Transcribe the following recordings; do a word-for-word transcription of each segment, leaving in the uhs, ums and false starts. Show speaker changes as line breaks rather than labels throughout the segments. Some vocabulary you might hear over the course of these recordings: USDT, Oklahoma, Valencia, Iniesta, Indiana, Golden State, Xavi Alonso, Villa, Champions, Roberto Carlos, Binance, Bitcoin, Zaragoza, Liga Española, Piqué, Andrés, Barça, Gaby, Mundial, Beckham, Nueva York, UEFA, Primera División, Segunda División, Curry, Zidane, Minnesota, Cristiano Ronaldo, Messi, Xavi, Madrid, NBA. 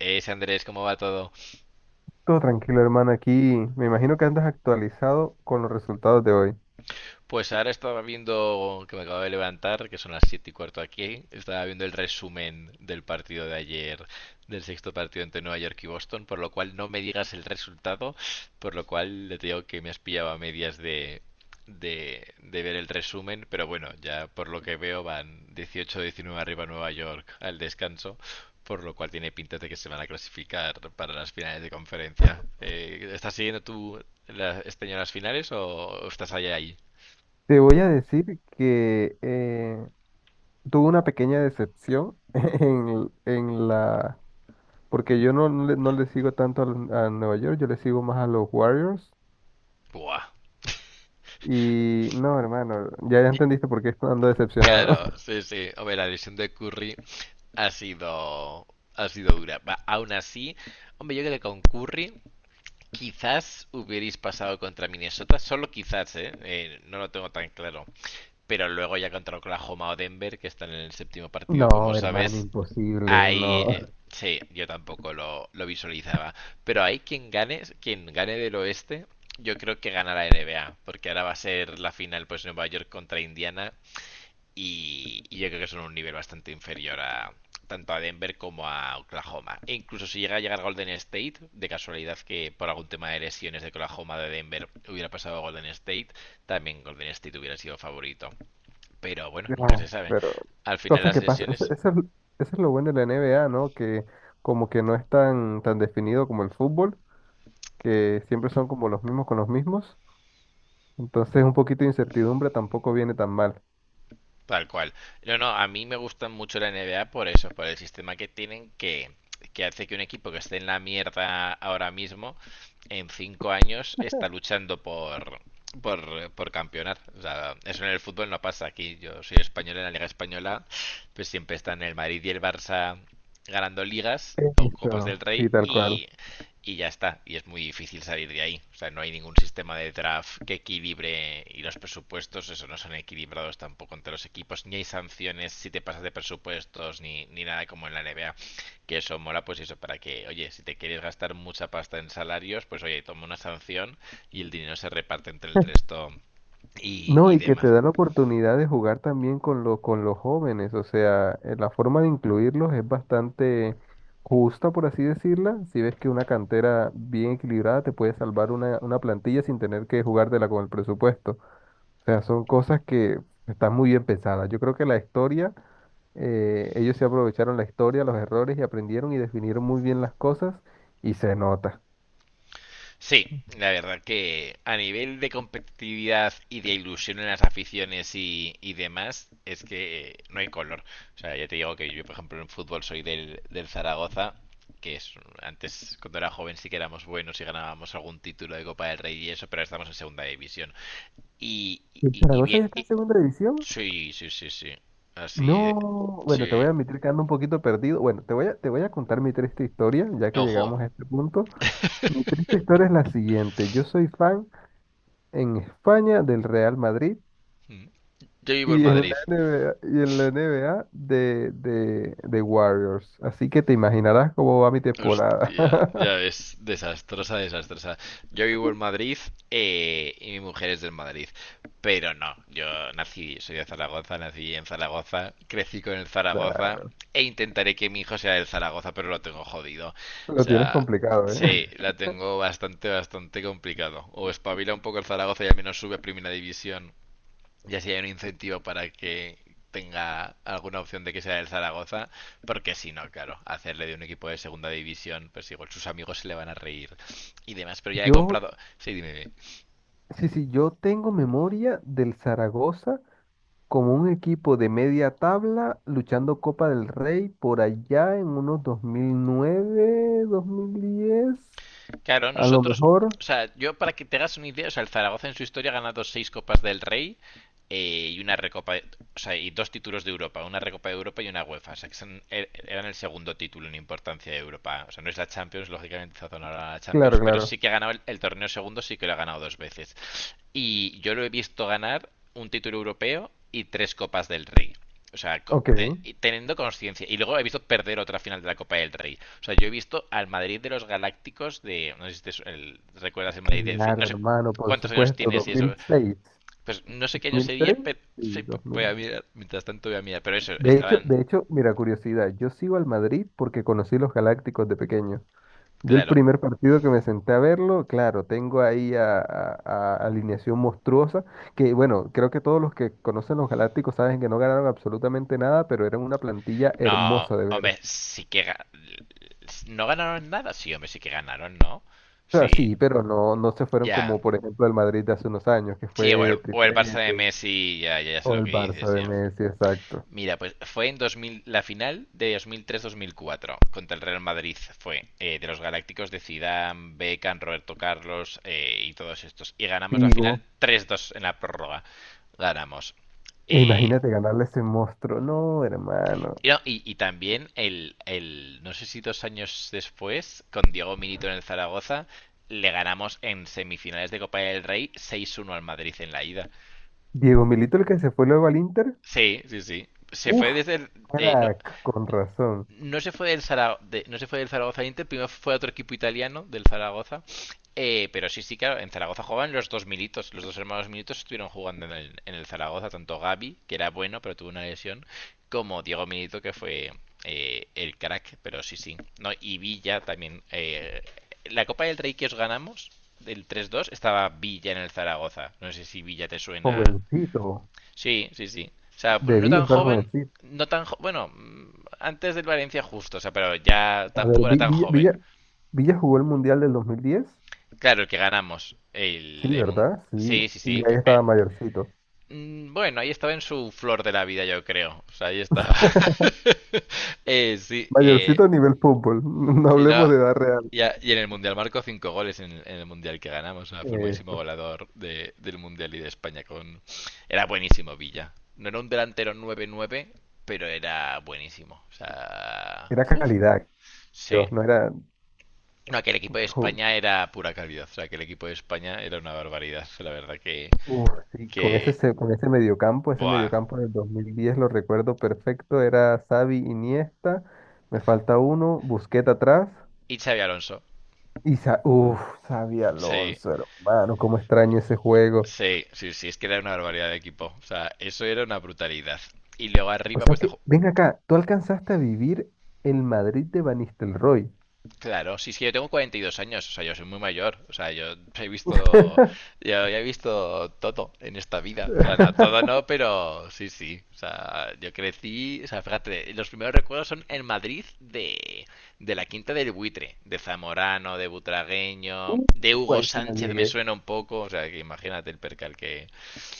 Es Andrés, ¿cómo va todo?
Todo tranquilo, hermano. Aquí me imagino que andas actualizado con los resultados de hoy.
Pues ahora estaba viendo, que me acabo de levantar, que son las siete y cuarto aquí, estaba viendo el resumen del partido de ayer, del sexto partido entre Nueva York y Boston, por lo cual no me digas el resultado, por lo cual le digo que me has pillado a medias de, de, de ver el resumen, pero bueno, ya por lo que veo van dieciocho, diecinueve arriba Nueva York al descanso, por lo cual tiene pinta de que se van a clasificar para las finales de conferencia. Eh, estás siguiendo tú la- este año las finales o estás allá ahí?
Te voy a decir que eh, tuve una pequeña decepción en, en la... Porque yo no, no le, no le sigo tanto al- a Nueva York, yo le sigo más a los Warriors.
Buah.
Y no, hermano, ya ya
Y,
entendiste por qué ando decepcionado.
claro, sí, sí. Hombre, la lesión de Curry ha sido, ha sido dura. Va, aún así, hombre, yo creo que con Curry quizás hubierais pasado contra Minnesota, solo quizás, ¿eh? Eh, no lo tengo tan claro. Pero luego ya contra Oklahoma o Denver, que están en el séptimo partido, como
No, hermano,
sabes,
imposible,
hay...
no.
eh, sí, yo tampoco lo, lo visualizaba. Pero hay quien gane, quien gane del oeste, yo creo que gana la N B A, porque ahora va a ser la final, pues Nueva York contra Indiana. Y, y yo creo que son un nivel bastante inferior a tanto a Denver como a Oklahoma. E incluso si llega a llegar Golden State, de casualidad que por algún tema de lesiones de Oklahoma de Denver hubiera pasado a Golden State, también Golden State hubiera sido favorito. Pero bueno, nunca se
No,
sabe.
pero
Al final
cosas
las
que pasan. Eso,
lesiones.
eso es, eso es lo bueno de la N B A, ¿no? Que como que no es tan, tan definido como el fútbol, que siempre son como los mismos con los mismos. Entonces un poquito de incertidumbre tampoco viene tan mal.
Tal cual. No, no, a mí me gustan mucho la N B A por eso, por el sistema que tienen que, que hace que un equipo que esté en la mierda ahora mismo, en cinco años, está luchando por, por, por campeonar. O sea, eso en el fútbol no pasa. Aquí yo soy español en la Liga Española, pues siempre están el Madrid y el Barça ganando ligas o Copas del
Eso.
Rey
Sí, tal cual.
y, y ya está. Y es muy difícil salir de ahí. O sea, no hay ningún sistema de draft que equilibre y los presupuestos, eso no son equilibrados tampoco entre los equipos. Ni hay sanciones si te pasas de presupuestos, ni, ni nada como en la N B A. Que eso mola, pues eso, para que, oye, si te quieres gastar mucha pasta en salarios, pues oye, toma una sanción y el dinero se reparte entre el resto y,
No,
y
y que te
demás.
da la oportunidad de jugar también con lo, con los jóvenes, o sea, eh, la forma de incluirlos es bastante justa, por así decirla. Si ves que una cantera bien equilibrada te puede salvar una, una plantilla sin tener que jugártela con el presupuesto. O sea, son cosas que están muy bien pensadas. Yo creo que la historia eh, ellos se aprovecharon la historia, los errores y aprendieron y definieron muy bien las cosas y se nota.
Sí, la verdad que a nivel de competitividad y de ilusión en las aficiones y, y demás, es que no hay color. O sea, ya te digo que yo, por ejemplo, en fútbol soy del, del Zaragoza, que es antes, cuando era joven, sí que éramos buenos y ganábamos algún título de Copa del Rey y eso, pero ahora estamos en segunda división. Y, y,
¿El
y y
Zaragoza
bien,
ya está en
y-
segunda división?
sí, sí, sí, sí. Así,
No, bueno, te voy
sí.
a admitir que ando un poquito perdido. Bueno, te voy a, te voy a contar mi triste historia, ya que
Ojo,
llegamos a este punto. Mi triste historia es la siguiente. Yo soy fan en España del Real Madrid
yo vivo en
y en
Madrid.
la NBA, y en la N B A de, de, de Warriors. Así que te imaginarás cómo va mi temporada.
Hostia, ya es desastrosa, desastrosa. Yo vivo en Madrid eh, y mi mujer es del Madrid, pero no, yo nací, soy de Zaragoza, nací en Zaragoza, crecí con el
Nah.
Zaragoza e intentaré que mi hijo sea del Zaragoza, pero lo tengo jodido. O
Lo tienes
sea,
complicado, ¿eh?
sí, la tengo bastante, bastante complicado. O espabila un poco el Zaragoza y al menos sube a Primera División, y así hay un incentivo para que tenga alguna opción de que sea del Zaragoza, porque si no, claro, hacerle de un equipo de segunda división, pues igual sus amigos se le van a reír y demás. Pero ya he
Yo,
comprado. Sí, dime, dime.
Sí, sí, yo tengo memoria del Zaragoza como un equipo de media tabla luchando Copa del Rey por allá en unos dos mil nueve, dos mil diez,
Claro,
a lo
nosotros.
mejor.
O sea, yo para que te hagas una idea, o sea, el Zaragoza en su historia ha ganado seis Copas del Rey, eh, y una recopa, o sea, y dos títulos de Europa, una recopa de Europa y una UEFA, o sea, que son- er- eran el segundo título en importancia de Europa, o sea, no es la Champions, lógicamente está ahora la
Claro,
Champions, pero
claro.
sí que ha ganado el, el torneo segundo, sí que lo ha ganado dos veces. Y yo lo he visto ganar un título europeo y tres copas del Rey. O sea,
Ok.
teniendo conciencia. Y luego he visto perder otra final de la Copa del Rey. O sea, yo he visto al Madrid de los Galácticos de... No sé si te el- recuerdas el Madrid de... No
Claro,
sé
hermano, por
cuántos años
supuesto,
tienes y eso.
dos mil seis.
Pues no sé qué año sería,
dos mil seis
pero sí,
y
voy a
dos mil.
mirar. Mientras tanto voy a mirar. Pero eso,
De hecho,
estaban.
de hecho, mira, curiosidad, yo sigo al Madrid porque conocí los Galácticos de pequeño. Yo el
Claro.
primer partido que me senté a verlo, claro, tengo ahí a, a- a alineación monstruosa, que bueno, creo que todos los que conocen los Galácticos saben que no ganaron absolutamente nada, pero eran una plantilla
No,
hermosa de ver. O
hombre, sí que. ga- No ganaron nada. Sí, hombre, sí que ganaron, ¿no? Sí,
sea, sí, pero no, no se fueron
ya.
como, por ejemplo, el Madrid de hace unos años, que
Sí, o el,
fue
o el Barça de
triplete,
Messi, ya, ya, ya sé
o
lo
el
que
Barça
dices,
de
ya.
Messi, exacto.
Mira, pues fue en dos mil, la final de dos mil tres-dos mil cuatro contra el Real Madrid fue eh, de los Galácticos de Zidane, Beckham, Roberto Carlos eh, y todos estos. Y ganamos la
Digo,
final tres dos en la prórroga. Ganamos. Eh,
imagínate ganarle a ese monstruo, no, hermano.
y, no, y- y también el, el- no sé si dos años después, con Diego Milito en el Zaragoza, le ganamos en semifinales de Copa del Rey seis uno al Madrid en la ida.
Diego Milito, el que se fue luego al Inter,
Sí, sí, sí. Se
uff,
fue desde el, eh, no-
crack, con razón,
no se fue del Zara- de- no se fue del Zaragoza al Inter, primero fue a otro equipo italiano del Zaragoza. Eh, pero sí, sí, claro, en Zaragoza jugaban los dos militos, los dos hermanos militos estuvieron jugando en el, en el Zaragoza, tanto Gaby, que era bueno, pero tuvo una lesión, como Diego Milito, que fue eh, el crack, pero sí, sí. No, y Villa también. Eh, la Copa del Rey que os ganamos, del tres dos, estaba Villa en el Zaragoza. No sé si Villa te suena.
jovencito.
Sí, sí, sí. O sea, no
Debía
tan
estar
joven,
jovencito.
no tan jo- bueno, mm, antes del Valencia justo, o sea, pero ya
A ver,
tampoco era
Vi-
tan
Villa,
joven.
Villa, Villa jugó el Mundial del dos mil diez.
Claro, el que ganamos,
Sí,
el, el mun-
¿verdad? Sí.
sí, sí,
Y
sí.
ahí
Que- eh,
estaba mayorcito.
mm, bueno, ahí estaba en su flor de la vida, yo creo. O sea, ahí estaba. Eh, sí, eh,
Mayorcito a nivel fútbol. No
Sí, no,
hablemos de edad real.
y, a- y en el Mundial marcó cinco goles en, en el Mundial que ganamos. O sea, fue el máximo
Eh,
goleador de- del Mundial y de España con... Era buenísimo Villa. No era un delantero nueve nueve, pero era buenísimo. O sea...
era
uff.
calidad,
Sí.
Dios. No era...
No, aquel equipo de
jo-
España era pura calidad. O sea, aquel equipo de España era una barbaridad. La verdad que...
Uf, sí, con ese,
que...
se- con ese mediocampo, ese
Buah.
mediocampo del dos mil diez lo recuerdo perfecto. Era Xavi, Iniesta. Me falta uno. Busquets atrás.
Y Xavi Alonso.
Y, Sa- uf, Xavi
Sí.
Alonso, hermano. Cómo extraño ese juego.
Sí, sí, sí, es que era una barbaridad de equipo. O sea, eso era una brutalidad. Y luego
O
arriba,
sea
pues
que,
dejó.
ven acá, tú alcanzaste a vivir el Madrid de Van Nistelrooy.
Claro, sí, sí, yo tengo cuarenta y dos años, o sea, yo soy muy mayor, o sea, yo he visto, yo ya he visto todo en esta vida, o sea, no, todo no, pero sí, sí, o sea, yo crecí, o sea, fíjate, los primeros recuerdos son en Madrid de, de la Quinta del Buitre, de Zamorano, de Butragueño,
Uh,
de Hugo
Guay, si no
Sánchez me
llegué.
suena un poco, o sea, que imagínate el percal que,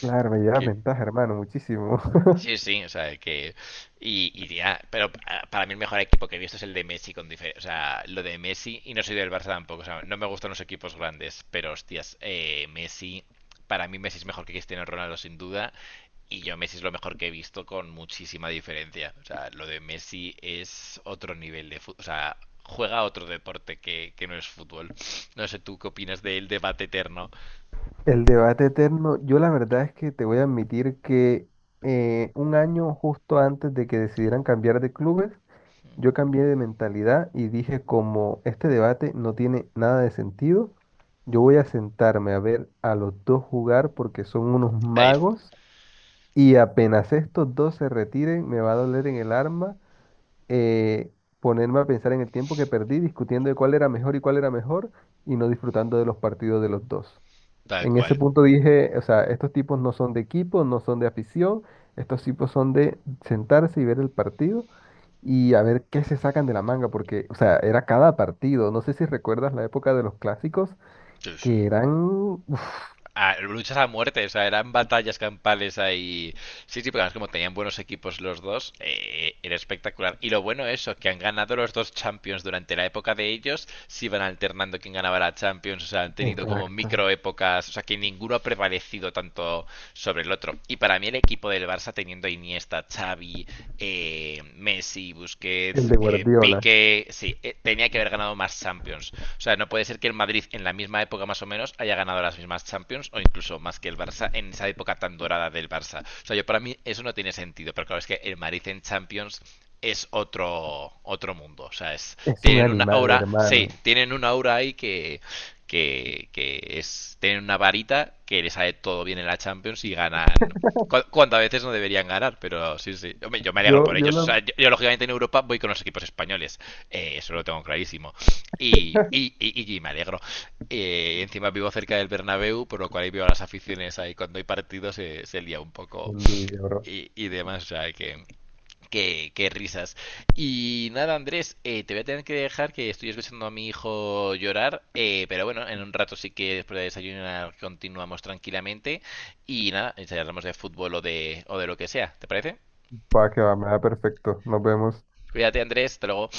Claro, me lleva
que
ventaja, hermano, muchísimo.
sí, sí, o sea, que. Y, y ya, pero pa- para mí el mejor equipo que he visto es el de Messi, con dife- o sea, lo de Messi, y no soy del Barça tampoco, o sea, no me gustan los equipos grandes, pero hostias, eh, Messi, para mí Messi es mejor que Cristiano Ronaldo sin duda, y yo Messi es lo mejor que he visto con muchísima diferencia, o sea, lo de Messi es otro nivel de fútbol, o sea, juega otro deporte que, que no es fútbol. No sé, ¿tú qué opinas del debate eterno?
El debate eterno, yo la verdad es que te voy a admitir que eh, un año justo antes de que decidieran cambiar de clubes, yo cambié de mentalidad y dije como este debate no tiene nada de sentido, yo voy a sentarme a ver a los dos jugar porque son unos
A ver,
magos. Y apenas estos dos se retiren, me va a doler en el arma eh, ponerme a pensar en el tiempo que perdí discutiendo de cuál era mejor y cuál era mejor y no disfrutando de los partidos de los dos.
tal
En ese
cual.
punto dije, o sea, estos tipos no son de equipo, no son de afición, estos tipos son de sentarse y ver el partido y a ver qué se sacan de la manga, porque, o sea, era cada partido. No sé si recuerdas la época de los clásicos,
Sí, sí.
que eran... uf.
A- luchas a muerte, o sea, eran batallas campales ahí. Sí, sí, pero además como tenían buenos equipos los dos, eh, era espectacular. Y lo bueno es eso, que han ganado los dos Champions durante la época de ellos, se iban alternando quién ganaba la Champions, o sea, han tenido como micro
Exacto.
épocas, o sea, que ninguno ha prevalecido tanto sobre el otro. Y para mí el equipo del Barça teniendo a Iniesta, Xavi, eh, Messi,
El
Busquets,
de
eh,
Guardiola.
Piqué, sí, eh, tenía que haber ganado más Champions. O sea, no puede ser que el Madrid en la misma época más o menos haya ganado las mismas Champions o incluso más que el Barça en esa época tan dorada del Barça. O sea, yo para mí eso no tiene sentido, pero claro, es que el Madrid en Champions es otro otro mundo, o sea, es
Es un
tienen una
animal,
aura, sí,
hermano.
tienen una aura ahí que que, que es tener una varita que les sale todo bien en la Champions y ganan cuántas veces no deberían ganar, pero sí, sí. Yo me, yo me alegro
Yo,
por
yo
ellos. O
la
sea, yo, yo, lógicamente, en Europa voy con los equipos españoles. Eh, eso lo tengo clarísimo. Y, y, y, y me alegro. Eh, encima vivo cerca del Bernabéu, por lo cual ahí veo a las aficiones ahí. Cuando hay partidos se, se lía un poco
envidia, bro.
y y, demás. O sea, que qué, qué risas. Y nada, Andrés, eh, te voy a tener que dejar que estoy escuchando a mi hijo llorar, eh, pero bueno, en un rato sí que después de desayunar continuamos tranquilamente y nada, charlamos de fútbol o de, o de lo que sea, ¿te parece?
Va que va, me da perfecto. Nos vemos.
Cuídate, Andrés, hasta luego.